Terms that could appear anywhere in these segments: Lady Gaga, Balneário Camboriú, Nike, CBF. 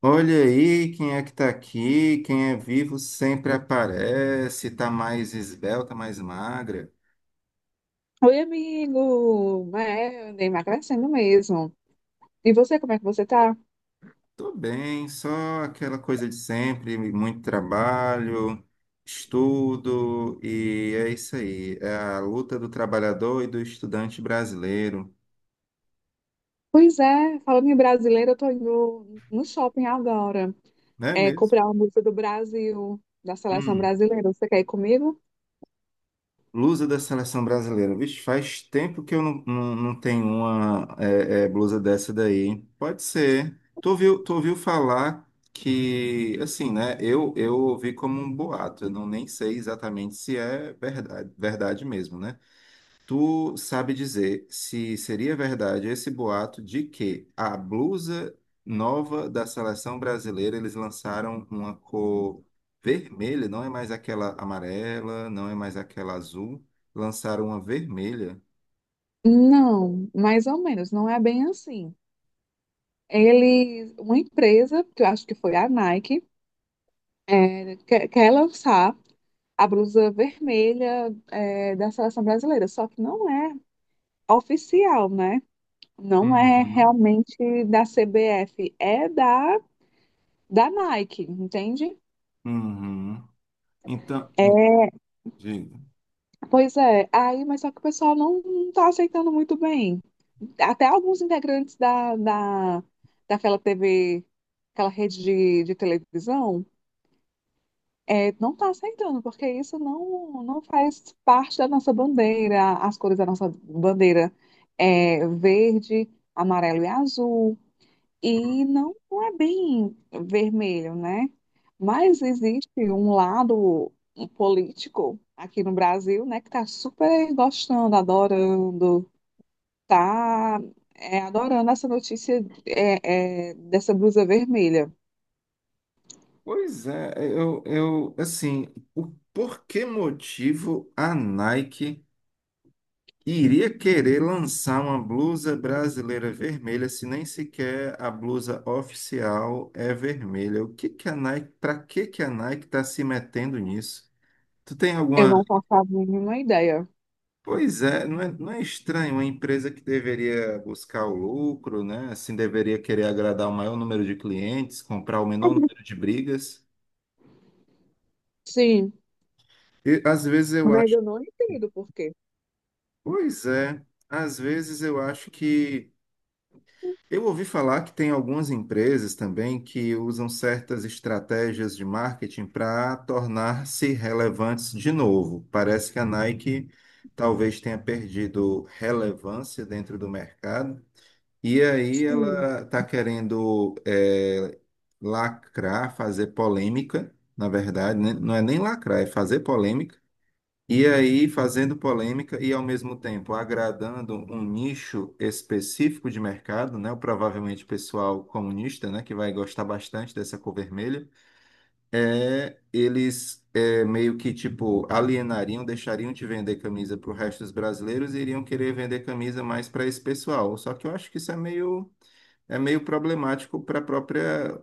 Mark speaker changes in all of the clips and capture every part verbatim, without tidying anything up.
Speaker 1: Olha aí quem é que tá aqui, quem é vivo sempre aparece, tá mais esbelta, mais magra.
Speaker 2: Oi, amigo! É, eu andei emagrecendo mesmo. E você, como é que você tá?
Speaker 1: Tô bem, só aquela coisa de sempre, muito trabalho, estudo, e é isso aí, é a luta do trabalhador e do estudante brasileiro,
Speaker 2: Pois é, falando em brasileiro, eu tô indo no shopping agora,
Speaker 1: não é
Speaker 2: é,
Speaker 1: mesmo?
Speaker 2: comprar uma música do Brasil, da seleção
Speaker 1: Hum.
Speaker 2: brasileira. Você quer ir comigo?
Speaker 1: Blusa da seleção brasileira. Vixe, faz tempo que eu não, não, não tenho uma é, é, blusa dessa daí. Hein? Pode ser. Tu ouviu, tu ouviu falar que, assim, né? Eu, eu ouvi como um boato. Eu não nem sei exatamente se é verdade, verdade mesmo, né? Tu sabe dizer se seria verdade esse boato de que a blusa nova da seleção brasileira eles lançaram uma cor vermelha, não é mais aquela amarela, não é mais aquela azul, lançaram uma vermelha.
Speaker 2: Não, mais ou menos, não é bem assim. Ele, uma empresa, que eu acho que foi a Nike, é, quer, quer lançar a blusa vermelha, é, da seleção brasileira, só que não é oficial, né? Não é
Speaker 1: Uhum.
Speaker 2: realmente da C B F, é da, da Nike, entende?
Speaker 1: Uhum. Então, hum, diga.
Speaker 2: Pois é, aí, mas só que o pessoal não, não tá aceitando muito bem. Até alguns integrantes da, da, daquela tevê, aquela rede de, de televisão, é, não está aceitando, porque isso não, não faz parte da nossa bandeira, as cores da nossa bandeira é verde, amarelo e azul, e não, não é bem vermelho, né? Mas existe um lado político aqui no Brasil, né, que está super gostando, adorando, tá, é, adorando essa notícia é, é, dessa blusa vermelha.
Speaker 1: Pois é, eu, eu assim, o, por que motivo a Nike iria querer lançar uma blusa brasileira vermelha se nem sequer a blusa oficial é vermelha? O que que a Nike, para que que a Nike está se metendo nisso? Tu tem
Speaker 2: Eu
Speaker 1: alguma?
Speaker 2: não faço a mínima ideia.
Speaker 1: Pois é, não é, não é estranho uma empresa que deveria buscar o lucro, né? Assim deveria querer agradar o maior número de clientes, comprar o menor número de brigas.
Speaker 2: Sim,
Speaker 1: E às vezes eu
Speaker 2: mas
Speaker 1: acho,
Speaker 2: eu não entendo por quê.
Speaker 1: pois é, às vezes eu acho que eu ouvi falar que tem algumas empresas também que usam certas estratégias de marketing para tornar-se relevantes de novo. Parece que a Nike talvez tenha perdido relevância dentro do mercado e aí
Speaker 2: Sim.
Speaker 1: ela está querendo eh, lacrar, fazer polêmica, na verdade, né? Não é nem lacrar, é fazer polêmica e aí, fazendo polêmica e, ao mesmo tempo, agradando um nicho específico de mercado, né? O provavelmente pessoal comunista, né? Que vai gostar bastante dessa cor vermelha. É, eles é, meio que, tipo, alienariam, deixariam de vender camisa para o resto dos brasileiros e iriam querer vender camisa mais para esse pessoal. Só que eu acho que isso é meio... É meio problemático para a própria,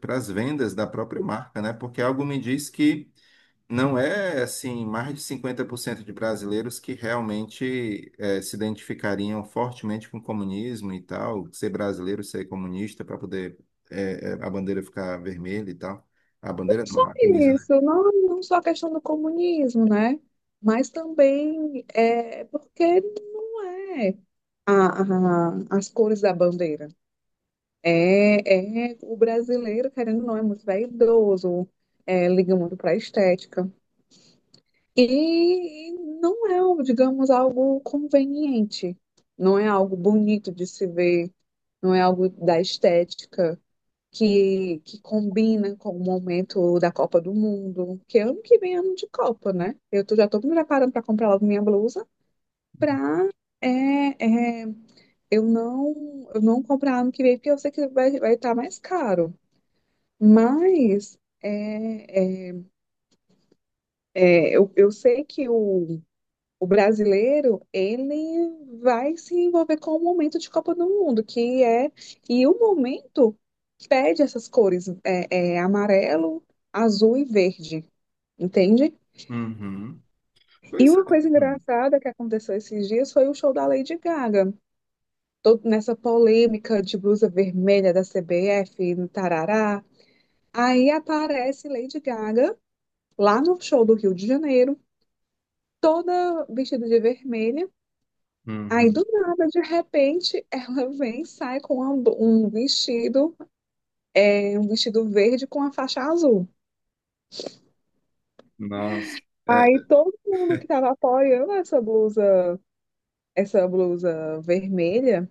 Speaker 1: para as vendas da própria marca, né? Porque algo me diz que não é assim, mais de cinquenta por cento de brasileiros que realmente eh, se identificariam fortemente com o comunismo e tal, ser brasileiro, ser comunista para poder eh, eh, a bandeira ficar vermelha e tal. A bandeira não, a
Speaker 2: É
Speaker 1: camisa, né?
Speaker 2: isso, não, não só a questão do comunismo, né? Mas também é porque não é a, a- as cores da bandeira. É, é, o brasileiro, querendo ou não, é muito vaidoso, é, liga muito para a estética. E não é, algo, digamos, algo conveniente, não é algo bonito de se ver, não é algo da estética que, que combina com o momento da Copa do Mundo, que ano que vem é ano de Copa, né? Eu tô, já estou me preparando para comprar logo minha blusa para é, é, eu não, eu não comprar ano que vem, porque eu sei que vai, vai estar mais caro. Mas é, é, é, eu, eu sei que o, o brasileiro ele vai se envolver com o momento de Copa do Mundo, que é e o momento pede essas cores é, é, amarelo, azul e verde, entende?
Speaker 1: Uhum.
Speaker 2: E
Speaker 1: Pois
Speaker 2: uma
Speaker 1: é.
Speaker 2: coisa engraçada que aconteceu esses dias foi o show da Lady Gaga, todo nessa polêmica de blusa vermelha da C B F, tarará. Aí aparece Lady Gaga lá no show do Rio de Janeiro toda vestida de vermelho. Aí
Speaker 1: Uhum.
Speaker 2: do nada, de repente, ela vem e sai com uma um vestido, é, um vestido verde com a faixa azul.
Speaker 1: Nossa.
Speaker 2: Aí todo mundo que estava apoiando essa blusa, essa blusa vermelha,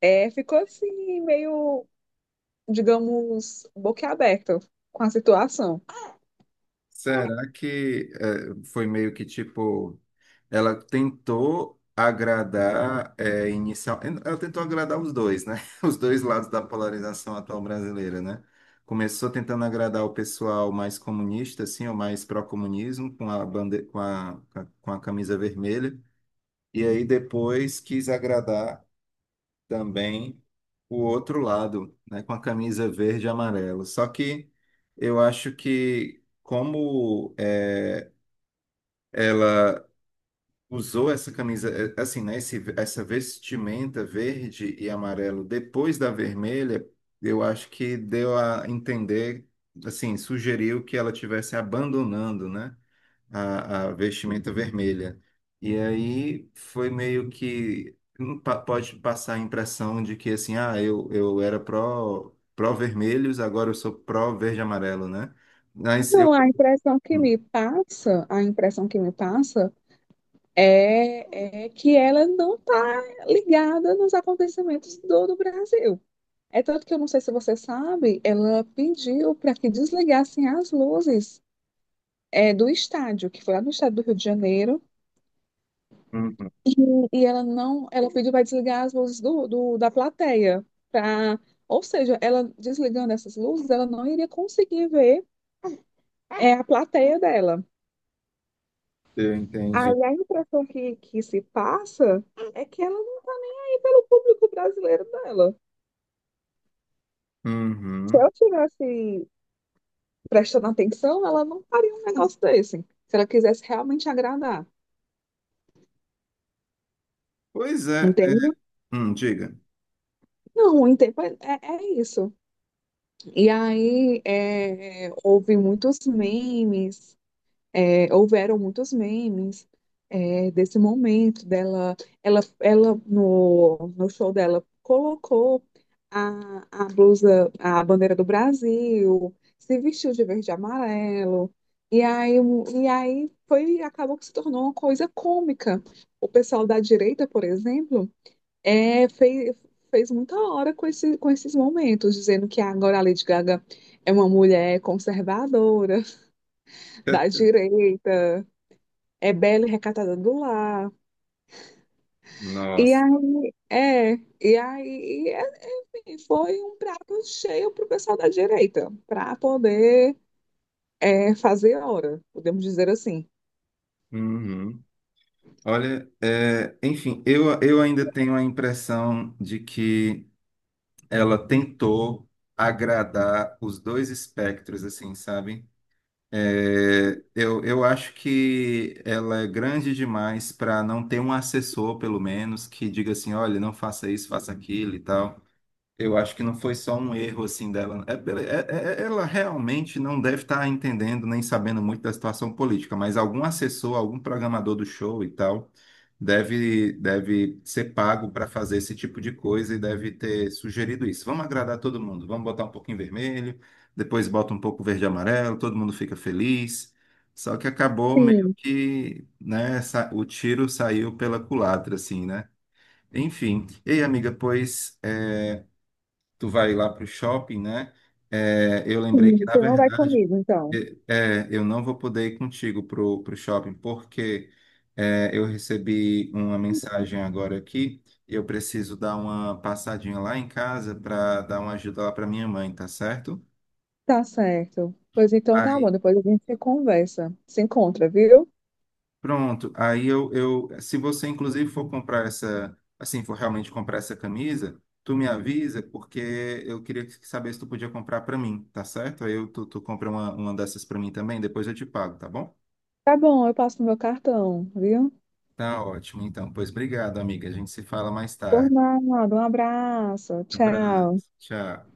Speaker 2: é, ficou assim, meio, digamos, boquiaberto com a situação.
Speaker 1: Será que eh, foi meio que tipo, ela tentou agradar eh, inicial, ela tentou agradar os dois, né? Os dois lados da polarização atual brasileira, né? Começou tentando agradar o pessoal mais comunista, assim, ou mais pró-comunismo, com a bande... com a, com a com a camisa vermelha, e aí depois quis agradar também o outro lado, né, com a camisa verde e amarelo. Só que eu acho que como é, ela usou essa camisa, é, assim, né, esse, essa vestimenta verde e amarelo depois da vermelha, eu acho que deu a entender, assim, sugeriu que ela estivesse abandonando, né? a, a vestimenta vermelha. E aí foi meio que hum, pa- pode passar a impressão de que assim, ah, eu, eu era pró, pró-vermelhos, agora eu sou pró-verde e amarelo, né? Mas eu,
Speaker 2: Não, a impressão que me passa, a impressão que me passa é, é que ela não está ligada nos acontecimentos do, do Brasil. É tanto que eu não sei se você sabe, ela pediu para que desligassem as luzes é, do estádio, que foi lá no estado do Rio de Janeiro,
Speaker 1: uhum,
Speaker 2: e ela não, ela pediu para desligar as luzes do, do- da plateia, pra, ou seja, ela desligando essas luzes, ela não iria conseguir ver é, a plateia dela.
Speaker 1: eu entendi.
Speaker 2: Aí a impressão que, que se passa é que ela não está nem aí pelo público brasileiro dela. Se
Speaker 1: Uhum.
Speaker 2: eu tivesse prestando atenção, ela não faria um negócio desse. Se ela quisesse realmente agradar.
Speaker 1: Pois é, é,
Speaker 2: Entende?
Speaker 1: hum, diga.
Speaker 2: Não, o tempo é, é, é isso. E aí é, houve muitos memes É, houveram muitos memes é, desse momento dela. Ela, ela no, no show dela colocou a, a blusa, a bandeira do Brasil, se vestiu de verde e amarelo. E aí, o- e aí foi, acabou que se tornou uma coisa cômica. O pessoal da direita, por exemplo, é, fez, fez muita hora com, esse, com esses momentos, dizendo que agora a Lady Gaga é uma mulher conservadora, da
Speaker 1: É,
Speaker 2: direita. É bela e recatada do lar. E
Speaker 1: nossa.
Speaker 2: aí, é, e aí, é- enfim, foi um prato cheio para o pessoal da direita, para poder é, fazer hora, podemos dizer assim.
Speaker 1: Uhum. Olha, é, enfim, eu, eu ainda tenho a impressão de que ela tentou agradar os dois espectros, assim, sabe? É, eu, eu acho que ela é grande demais para não ter um assessor, pelo menos, que diga assim, olha, não faça isso, faça aquilo e tal. Eu acho que não foi só um erro assim dela. É é- é- é- ela realmente não deve estar entendendo nem sabendo muito da situação política, mas algum assessor, algum programador do show e tal, deve, deve ser pago para fazer esse tipo de coisa e deve ter sugerido isso. Vamos agradar todo mundo, vamos botar um pouquinho vermelho, depois bota um pouco verde e amarelo, todo mundo fica feliz. Só que acabou meio
Speaker 2: Sim,
Speaker 1: que, né, sa- o tiro saiu pela culatra, assim, né? Enfim. Ei, amiga, pois. É, tu vai lá para o shopping, né? É, eu lembrei
Speaker 2: sim,
Speaker 1: que, na
Speaker 2: você não vai
Speaker 1: verdade,
Speaker 2: comigo, então.
Speaker 1: é, é, eu não vou poder ir contigo pro, pro shopping, porque é, eu recebi uma mensagem agora aqui e eu preciso dar uma passadinha lá em casa para dar uma ajuda lá para minha mãe, tá certo?
Speaker 2: Tá certo. Pois então tá bom,
Speaker 1: Aí
Speaker 2: depois a gente conversa, se encontra, viu?
Speaker 1: pronto, aí eu, eu, se você inclusive for comprar essa, assim, for realmente comprar essa camisa, tu me avisa, porque eu queria saber se tu podia comprar para mim, tá certo? Aí eu, tu, tu compra uma, uma dessas para mim também, depois eu te pago, tá bom?
Speaker 2: Tá bom, eu passo no meu cartão, viu?
Speaker 1: Tá ótimo, então. Pois obrigado, amiga. A gente se fala mais
Speaker 2: Por
Speaker 1: tarde.
Speaker 2: nada, um abraço,
Speaker 1: Abraço,
Speaker 2: tchau.
Speaker 1: tchau.